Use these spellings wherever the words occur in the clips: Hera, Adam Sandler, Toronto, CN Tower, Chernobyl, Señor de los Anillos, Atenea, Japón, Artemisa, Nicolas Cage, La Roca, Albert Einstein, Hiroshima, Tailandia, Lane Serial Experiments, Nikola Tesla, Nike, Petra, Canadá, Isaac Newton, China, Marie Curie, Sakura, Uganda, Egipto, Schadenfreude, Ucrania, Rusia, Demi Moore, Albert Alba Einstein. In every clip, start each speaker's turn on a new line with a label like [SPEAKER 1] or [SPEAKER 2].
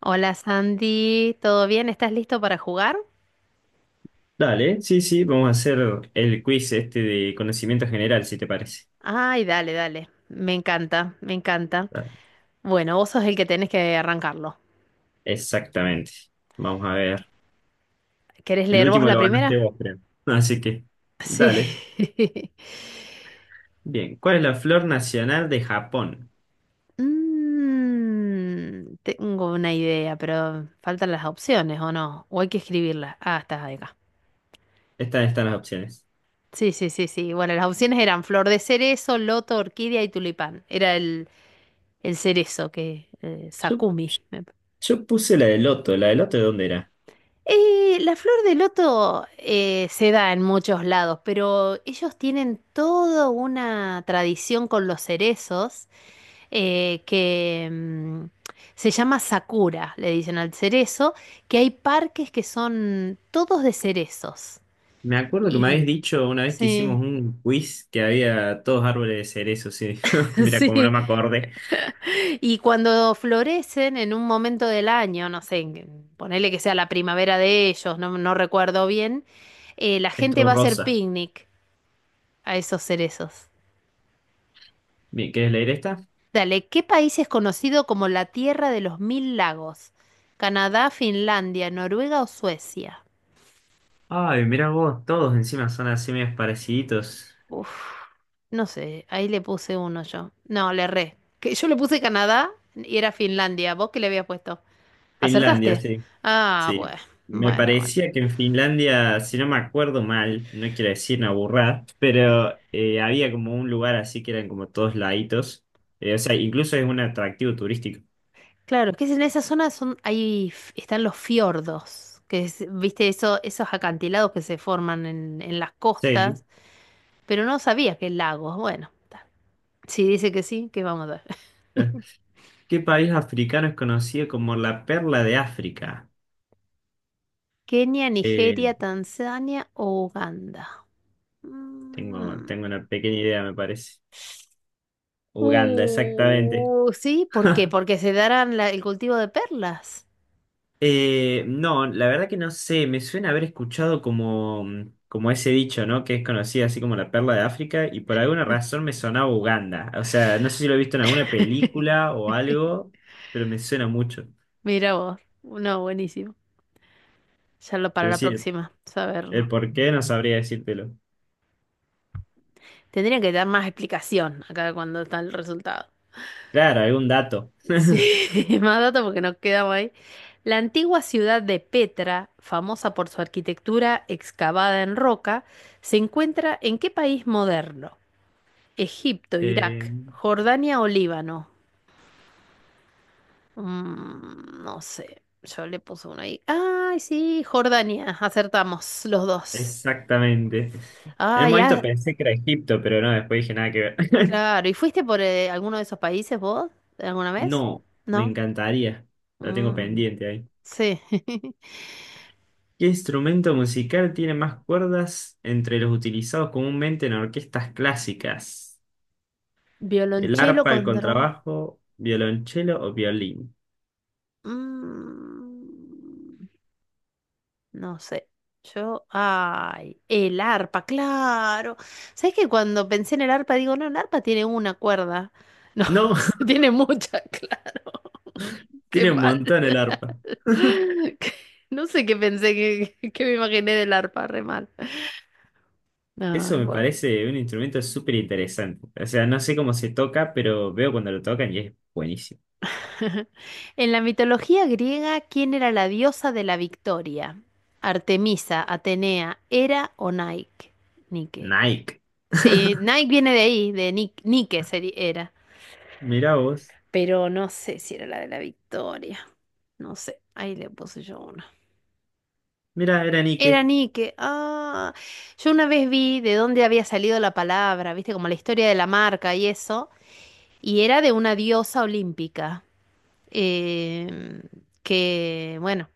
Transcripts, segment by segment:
[SPEAKER 1] Hola Sandy, ¿todo bien? ¿Estás listo para jugar?
[SPEAKER 2] Dale, sí, sí, vamos a hacer el quiz este de conocimiento general, si te parece.
[SPEAKER 1] Ay, dale, dale. Me encanta, me encanta.
[SPEAKER 2] Dale.
[SPEAKER 1] Bueno, vos sos el que tenés que arrancarlo.
[SPEAKER 2] Exactamente. Vamos a ver.
[SPEAKER 1] ¿Querés
[SPEAKER 2] El
[SPEAKER 1] leer vos
[SPEAKER 2] último
[SPEAKER 1] la
[SPEAKER 2] lo ganaste
[SPEAKER 1] primera?
[SPEAKER 2] vos, creo. Así que,
[SPEAKER 1] Sí.
[SPEAKER 2] dale. Bien, ¿cuál es la flor nacional de Japón?
[SPEAKER 1] Tengo una idea, pero faltan las opciones, ¿o no? ¿O hay que escribirlas? Ah, estás acá.
[SPEAKER 2] Estas están las opciones.
[SPEAKER 1] Sí, sí, sí, sí. Bueno, las opciones eran flor de cerezo, loto, orquídea y tulipán. Era el cerezo que
[SPEAKER 2] Yo,
[SPEAKER 1] Sakumi.
[SPEAKER 2] yo puse la de loto. ¿La de loto de dónde era?
[SPEAKER 1] La flor de loto se da en muchos lados, pero ellos tienen toda una tradición con los cerezos, eh, que mm, se llama Sakura, le dicen al cerezo, que hay parques que son todos de cerezos.
[SPEAKER 2] Me acuerdo que me habéis
[SPEAKER 1] Y
[SPEAKER 2] dicho una vez que hicimos
[SPEAKER 1] sí,
[SPEAKER 2] un quiz que había todos árboles de cerezo, sí. Mira, como no
[SPEAKER 1] sí.
[SPEAKER 2] me acordé.
[SPEAKER 1] Y cuando florecen en un momento del año, no sé, ponele que sea la primavera de ellos, no, no recuerdo bien, la
[SPEAKER 2] Es
[SPEAKER 1] gente
[SPEAKER 2] todo
[SPEAKER 1] va a hacer
[SPEAKER 2] rosa.
[SPEAKER 1] picnic a esos cerezos.
[SPEAKER 2] Bien, ¿quieres leer esta?
[SPEAKER 1] Dale, ¿qué país es conocido como la Tierra de los Mil Lagos? ¿Canadá, Finlandia, Noruega o Suecia?
[SPEAKER 2] Ay, mirá vos, todos encima son así medios pareciditos.
[SPEAKER 1] Uf, no sé, ahí le puse uno yo. No, le erré. Que yo le puse Canadá y era Finlandia. ¿Vos qué le habías puesto?
[SPEAKER 2] Finlandia,
[SPEAKER 1] ¿Acertaste?
[SPEAKER 2] sí,
[SPEAKER 1] Ah,
[SPEAKER 2] sí.
[SPEAKER 1] bueno,
[SPEAKER 2] Me
[SPEAKER 1] bueno, bueno.
[SPEAKER 2] parecía que en Finlandia, si no me acuerdo mal, no quiero decir una burrada, pero había como un lugar así que eran como todos laditos. O sea, incluso es un atractivo turístico.
[SPEAKER 1] Claro, que es en esa zona son, ahí están los fiordos, que es, viste, eso, esos acantilados que se forman en las costas,
[SPEAKER 2] Sí.
[SPEAKER 1] pero no sabía que lagos. Bueno, está. ¿Si dice que sí, que vamos a ver?
[SPEAKER 2] ¿Qué país africano es conocido como la perla de África?
[SPEAKER 1] Kenia,
[SPEAKER 2] Eh,
[SPEAKER 1] Nigeria, Tanzania o Uganda.
[SPEAKER 2] tengo,
[SPEAKER 1] Mm.
[SPEAKER 2] tengo una pequeña idea, me parece. Uganda, exactamente.
[SPEAKER 1] Sí, ¿por qué? Porque se darán el cultivo de perlas.
[SPEAKER 2] No, la verdad que no sé, me suena haber escuchado como, como ese dicho, ¿no? Que es conocida así como la perla de África y por alguna razón me sonaba Uganda. O sea, no sé si lo he visto en alguna película o algo, pero me suena mucho.
[SPEAKER 1] Mira vos, no, buenísimo. Ya lo para
[SPEAKER 2] Pero
[SPEAKER 1] la
[SPEAKER 2] sí, el,
[SPEAKER 1] próxima,
[SPEAKER 2] el
[SPEAKER 1] saberlo.
[SPEAKER 2] por qué no sabría decírtelo.
[SPEAKER 1] Tendrían que dar más explicación acá cuando está el resultado.
[SPEAKER 2] Claro, algún dato.
[SPEAKER 1] Sí, más datos porque nos quedamos ahí. La antigua ciudad de Petra, famosa por su arquitectura excavada en roca, ¿se encuentra en qué país moderno? Egipto,
[SPEAKER 2] Eh,
[SPEAKER 1] Irak, Jordania o Líbano. Mm, no sé, yo le puse uno ahí. Ay, sí, Jordania, acertamos los dos.
[SPEAKER 2] exactamente. En
[SPEAKER 1] Ah,
[SPEAKER 2] un momento
[SPEAKER 1] ya,
[SPEAKER 2] pensé que era Egipto, pero no, después dije nada que ver.
[SPEAKER 1] claro. ¿Y fuiste por alguno de esos países vos alguna vez?
[SPEAKER 2] No, me
[SPEAKER 1] ¿No?
[SPEAKER 2] encantaría. La tengo
[SPEAKER 1] Mm,
[SPEAKER 2] pendiente ahí.
[SPEAKER 1] sí,
[SPEAKER 2] ¿Qué instrumento musical tiene más cuerdas entre los utilizados comúnmente en orquestas clásicas? ¿El
[SPEAKER 1] violonchelo
[SPEAKER 2] arpa, el
[SPEAKER 1] contra...
[SPEAKER 2] contrabajo, violonchelo o violín?
[SPEAKER 1] Mm. No sé. Yo, ay, el arpa, claro. ¿Sabes que cuando pensé en el arpa digo, no, el arpa tiene una cuerda? No,
[SPEAKER 2] No,
[SPEAKER 1] tiene muchas, claro. Qué
[SPEAKER 2] tiene un
[SPEAKER 1] mal.
[SPEAKER 2] montón el arpa.
[SPEAKER 1] Que- No sé qué pensé, que, que me imaginé del arpa, re mal.
[SPEAKER 2] Eso
[SPEAKER 1] Ay,
[SPEAKER 2] me
[SPEAKER 1] bueno.
[SPEAKER 2] parece un instrumento súper interesante. O sea, no sé cómo se toca, pero veo cuando lo tocan y es buenísimo.
[SPEAKER 1] En la mitología griega, ¿quién era la diosa de la victoria? Artemisa, Atenea, Hera o Nike. Nike.
[SPEAKER 2] Nike.
[SPEAKER 1] Sí, Nike viene de ahí, de Nick, era.
[SPEAKER 2] Mirá vos.
[SPEAKER 1] Pero no sé si era la de la Victoria. No sé, ahí le puse yo una.
[SPEAKER 2] Mirá, era
[SPEAKER 1] Era
[SPEAKER 2] Nike.
[SPEAKER 1] Nike. Ah, yo una vez vi de dónde había salido la palabra, viste, como la historia de la marca y eso. Y era de una diosa olímpica, eh, bueno,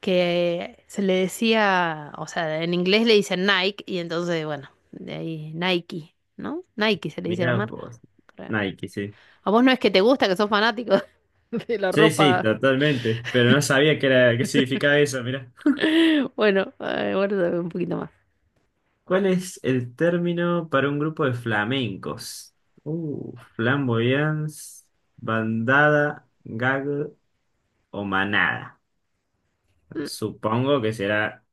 [SPEAKER 1] que se le decía, o sea, en inglés le dicen Nike, y entonces, bueno, de ahí Nike, ¿no? Nike se le dice a la
[SPEAKER 2] Mirá
[SPEAKER 1] marca,
[SPEAKER 2] vos.
[SPEAKER 1] creo.
[SPEAKER 2] Nike, sí.
[SPEAKER 1] A vos no es que te gusta, que sos fanático de la
[SPEAKER 2] Sí, sí,
[SPEAKER 1] ropa.
[SPEAKER 2] totalmente. Pero no sabía qué era, qué significaba eso, mirá.
[SPEAKER 1] Bueno, guarda un poquito más.
[SPEAKER 2] ¿Cuál es el término para un grupo de flamencos? Flamboyance, bandada, gag o manada.
[SPEAKER 1] Mm,
[SPEAKER 2] Supongo que será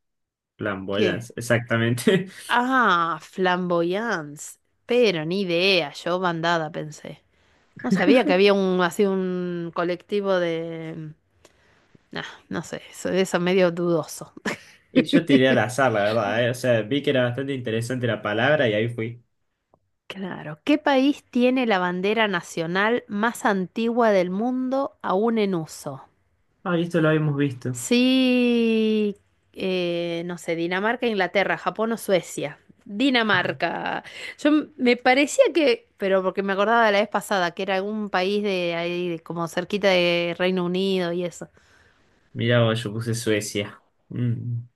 [SPEAKER 1] ¿qué?
[SPEAKER 2] flamboyance, exactamente.
[SPEAKER 1] Ah, flamboyance. Pero ni idea, yo bandada pensé. No sabía que había un así un colectivo de... Nah, no sé, eso medio dudoso.
[SPEAKER 2] Y yo tiré al azar, la verdad, eh. O sea, vi que era bastante interesante la palabra y ahí fui.
[SPEAKER 1] Claro. ¿Qué país tiene la bandera nacional más antigua del mundo aún en uso?
[SPEAKER 2] Ah, esto lo habíamos visto.
[SPEAKER 1] Sí, no sé, Dinamarca, Inglaterra, Japón o Suecia. Dinamarca. Yo me parecía que, pero porque me acordaba de la vez pasada, que era algún país de ahí, de como cerquita de Reino Unido y eso.
[SPEAKER 2] Mirá vos, yo puse Suecia. Mm.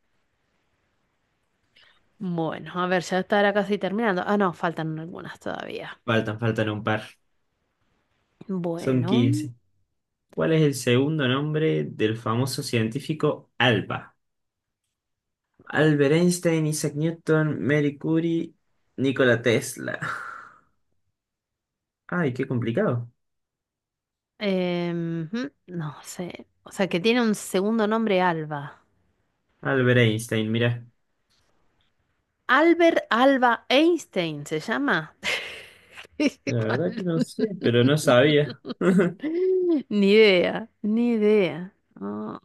[SPEAKER 1] Bueno, a ver, ya estará casi terminando. Ah, no, faltan algunas todavía.
[SPEAKER 2] Faltan un par. Son
[SPEAKER 1] Bueno,
[SPEAKER 2] 15. ¿Cuál es el segundo nombre del famoso científico Alba? Albert Einstein, Isaac Newton, Marie Curie, Nikola Tesla. Ay, qué complicado.
[SPEAKER 1] no sé. O sea, que tiene un segundo nombre Alba.
[SPEAKER 2] Albert Einstein, mira.
[SPEAKER 1] Albert Alba Einstein se llama. Qué
[SPEAKER 2] La verdad que
[SPEAKER 1] mal.
[SPEAKER 2] no sé, pero no sabía.
[SPEAKER 1] Ni idea, ni idea. Ah,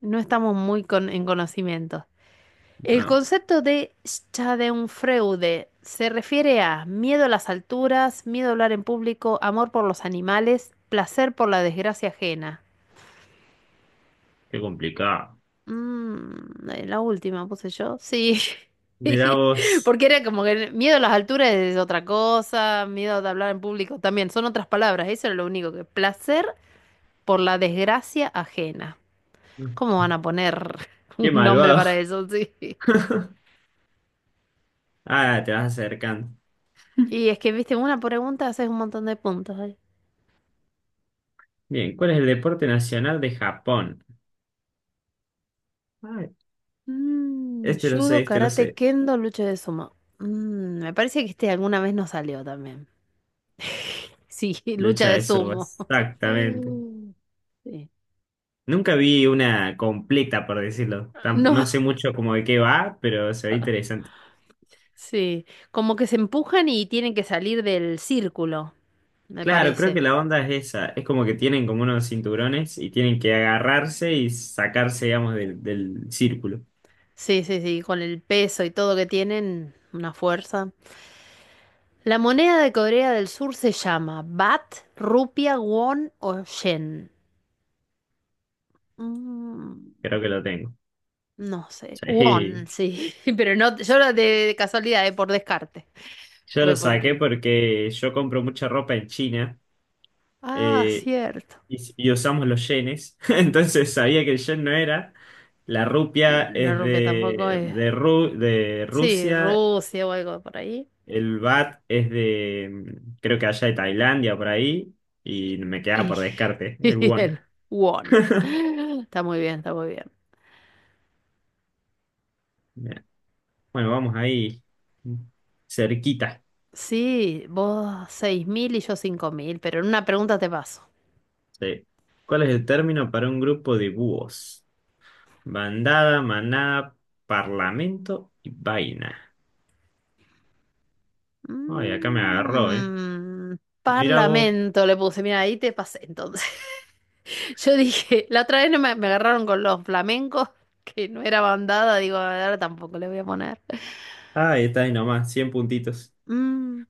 [SPEAKER 1] no estamos muy en conocimiento. El
[SPEAKER 2] No,
[SPEAKER 1] concepto de Schadenfreude se refiere a miedo a las alturas, miedo a hablar en público, amor por los animales, placer por la desgracia ajena.
[SPEAKER 2] qué complicado.
[SPEAKER 1] Mm, la última puse yo. Sí.
[SPEAKER 2] Mirá vos.
[SPEAKER 1] Porque era como que miedo a las alturas es otra cosa, miedo de hablar en público también, son otras palabras, eso era lo único que. Placer por la desgracia ajena. ¿Cómo van a poner
[SPEAKER 2] Qué
[SPEAKER 1] un nombre
[SPEAKER 2] malvado.
[SPEAKER 1] para eso? Sí.
[SPEAKER 2] Ah, te vas acercando.
[SPEAKER 1] Y es que, viste, una pregunta haces un montón de puntos. ¿Eh?
[SPEAKER 2] Bien, ¿cuál es el deporte nacional de Japón? Ay,
[SPEAKER 1] Mm,
[SPEAKER 2] este lo sé,
[SPEAKER 1] judo,
[SPEAKER 2] este lo
[SPEAKER 1] karate,
[SPEAKER 2] sé.
[SPEAKER 1] kendo, lucha de sumo. Mm, me parece que este alguna vez nos salió también. Sí, lucha
[SPEAKER 2] Lucha
[SPEAKER 1] de
[SPEAKER 2] de
[SPEAKER 1] sumo.
[SPEAKER 2] subas. Exactamente.
[SPEAKER 1] Mm. Sí.
[SPEAKER 2] Nunca vi una completa, por decirlo. No
[SPEAKER 1] No,
[SPEAKER 2] sé mucho como de qué va, pero se ve interesante.
[SPEAKER 1] sí. Como que se empujan y tienen que salir del círculo, me
[SPEAKER 2] Claro, creo que
[SPEAKER 1] parece.
[SPEAKER 2] la onda es esa. Es como que tienen como unos cinturones y tienen que agarrarse y sacarse, digamos, del círculo.
[SPEAKER 1] Sí, sí, sí, con el peso y todo que tienen, una fuerza. La moneda de Corea del Sur se llama Bat, Rupia, Won o Yen. Mm,
[SPEAKER 2] Creo que lo tengo.
[SPEAKER 1] no sé. Won,
[SPEAKER 2] Sí.
[SPEAKER 1] sí. Pero no, yo de casualidad, por descarte.
[SPEAKER 2] Yo lo
[SPEAKER 1] Fue
[SPEAKER 2] saqué
[SPEAKER 1] porque.
[SPEAKER 2] porque yo compro mucha ropa en China
[SPEAKER 1] Ah,
[SPEAKER 2] eh,
[SPEAKER 1] cierto.
[SPEAKER 2] y usamos los yenes. Entonces sabía que el yen no era. La rupia
[SPEAKER 1] La
[SPEAKER 2] es
[SPEAKER 1] rupia tampoco
[SPEAKER 2] de,
[SPEAKER 1] es.
[SPEAKER 2] de, Ru- de
[SPEAKER 1] Sí,
[SPEAKER 2] Rusia.
[SPEAKER 1] Rusia o algo por ahí.
[SPEAKER 2] El baht es de, creo que allá de Tailandia, por ahí. Y me quedaba
[SPEAKER 1] Y,
[SPEAKER 2] por descarte el
[SPEAKER 1] y
[SPEAKER 2] won.
[SPEAKER 1] el Won. Está muy bien, está muy bien.
[SPEAKER 2] Bueno, vamos ahí cerquita.
[SPEAKER 1] Sí, vos 6000 y yo 5000, pero en una pregunta te paso.
[SPEAKER 2] Sí. ¿Cuál es el término para un grupo de búhos? Bandada, manada, parlamento y vaina. Ay, acá me agarró, ¿eh?
[SPEAKER 1] Mm,
[SPEAKER 2] Mira vos.
[SPEAKER 1] parlamento le puse. Mira, ahí te pasé entonces. Yo dije, la otra vez no me, me agarraron con los flamencos, que no era bandada, digo, ahora tampoco le voy a poner.
[SPEAKER 2] Ah, está ahí nomás, 100 puntitos.
[SPEAKER 1] Mm,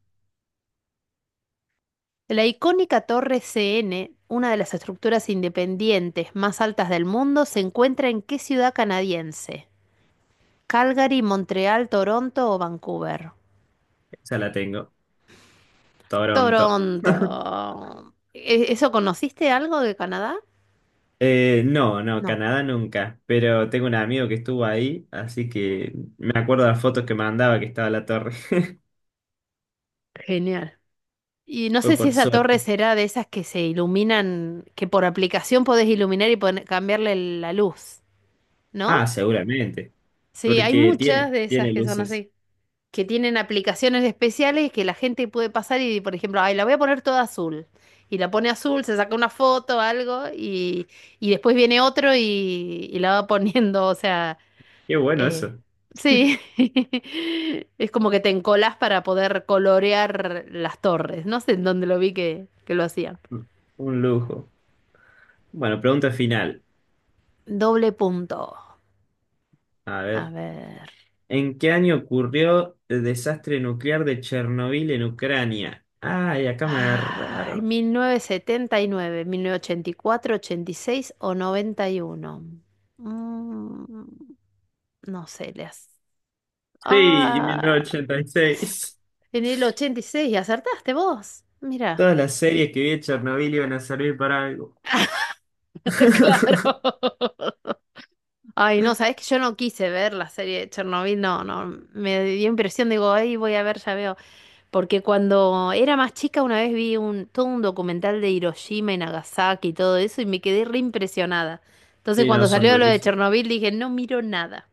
[SPEAKER 1] la icónica Torre CN, una de las estructuras independientes más altas del mundo, ¿se encuentra en qué ciudad canadiense? Calgary, Montreal, Toronto o Vancouver.
[SPEAKER 2] Esa la tengo. Toronto.
[SPEAKER 1] Toronto. ¿Eso conociste algo de Canadá?
[SPEAKER 2] No, no,
[SPEAKER 1] No.
[SPEAKER 2] Canadá nunca. Pero tengo un amigo que estuvo ahí, así que me acuerdo de las fotos que mandaba que estaba la torre.
[SPEAKER 1] Genial. Y no sé
[SPEAKER 2] Fue
[SPEAKER 1] si
[SPEAKER 2] por
[SPEAKER 1] esa torre
[SPEAKER 2] suerte.
[SPEAKER 1] será de esas que se iluminan, que por aplicación podés iluminar y cambiarle la luz, ¿no?
[SPEAKER 2] Ah, seguramente.
[SPEAKER 1] Sí, hay
[SPEAKER 2] Porque tiene,
[SPEAKER 1] muchas de esas
[SPEAKER 2] tiene
[SPEAKER 1] que son
[SPEAKER 2] luces.
[SPEAKER 1] así, que tienen aplicaciones especiales que la gente puede pasar y, por ejemplo, ay, la voy a poner toda azul. Y la pone azul, se saca una foto, algo, y después viene otro y la va poniendo, o sea,
[SPEAKER 2] Qué bueno
[SPEAKER 1] eh,
[SPEAKER 2] eso.
[SPEAKER 1] sí, es como que te encolás para poder colorear las torres. No sé en dónde lo vi que lo hacían.
[SPEAKER 2] Un lujo. Bueno, pregunta final.
[SPEAKER 1] Doble punto.
[SPEAKER 2] A
[SPEAKER 1] A
[SPEAKER 2] ver.
[SPEAKER 1] ver.
[SPEAKER 2] ¿En qué año ocurrió el desastre nuclear de Chernobyl en Ucrania? Ay, acá me
[SPEAKER 1] Ay,
[SPEAKER 2] agarraron.
[SPEAKER 1] 1979, 1984, 86 o 91. Mm, no sé, las.
[SPEAKER 2] Sí, en mil
[SPEAKER 1] Ah,
[SPEAKER 2] novecientos ochenta y seis
[SPEAKER 1] en el 86 acertaste vos. Mira.
[SPEAKER 2] Todas las series que vi de Chernobyl iban a servir para algo.
[SPEAKER 1] Claro. Ay, no, sabés que yo no quise ver la serie de Chernobyl, no, no, me dio impresión, digo, ahí voy a ver, ya veo. Porque cuando era más chica una vez vi un, todo un documental de Hiroshima y Nagasaki y todo eso y me quedé re impresionada. Entonces
[SPEAKER 2] Sí, no,
[SPEAKER 1] cuando
[SPEAKER 2] son
[SPEAKER 1] salió lo de
[SPEAKER 2] durísimos.
[SPEAKER 1] Chernobyl dije, no miro nada.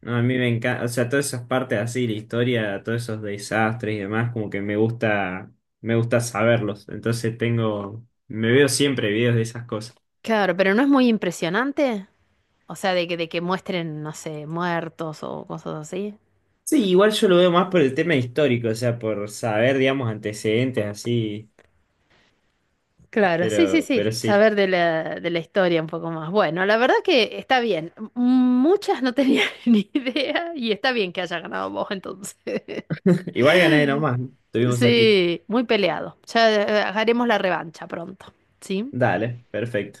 [SPEAKER 2] No, a mí me encanta, o sea, todas esas partes así, la historia, todos esos desastres y demás, como que me gusta saberlos. Entonces me veo siempre videos de esas cosas.
[SPEAKER 1] Claro, pero no es muy impresionante. O sea, de que muestren, no sé, muertos o cosas así.
[SPEAKER 2] Sí, igual yo lo veo más por el tema histórico, o sea, por saber, digamos, antecedentes así,
[SPEAKER 1] Claro, sí,
[SPEAKER 2] pero,
[SPEAKER 1] sí, sí.
[SPEAKER 2] pero sí.
[SPEAKER 1] Saber de la historia un poco más. Bueno, la verdad que está bien. Muchas no tenía ni idea y está bien que haya ganado vos entonces.
[SPEAKER 2] Igual gané nomás, estuvimos cerquita.
[SPEAKER 1] Sí, muy peleado. Ya haremos la revancha pronto, ¿sí?
[SPEAKER 2] Dale, perfecto.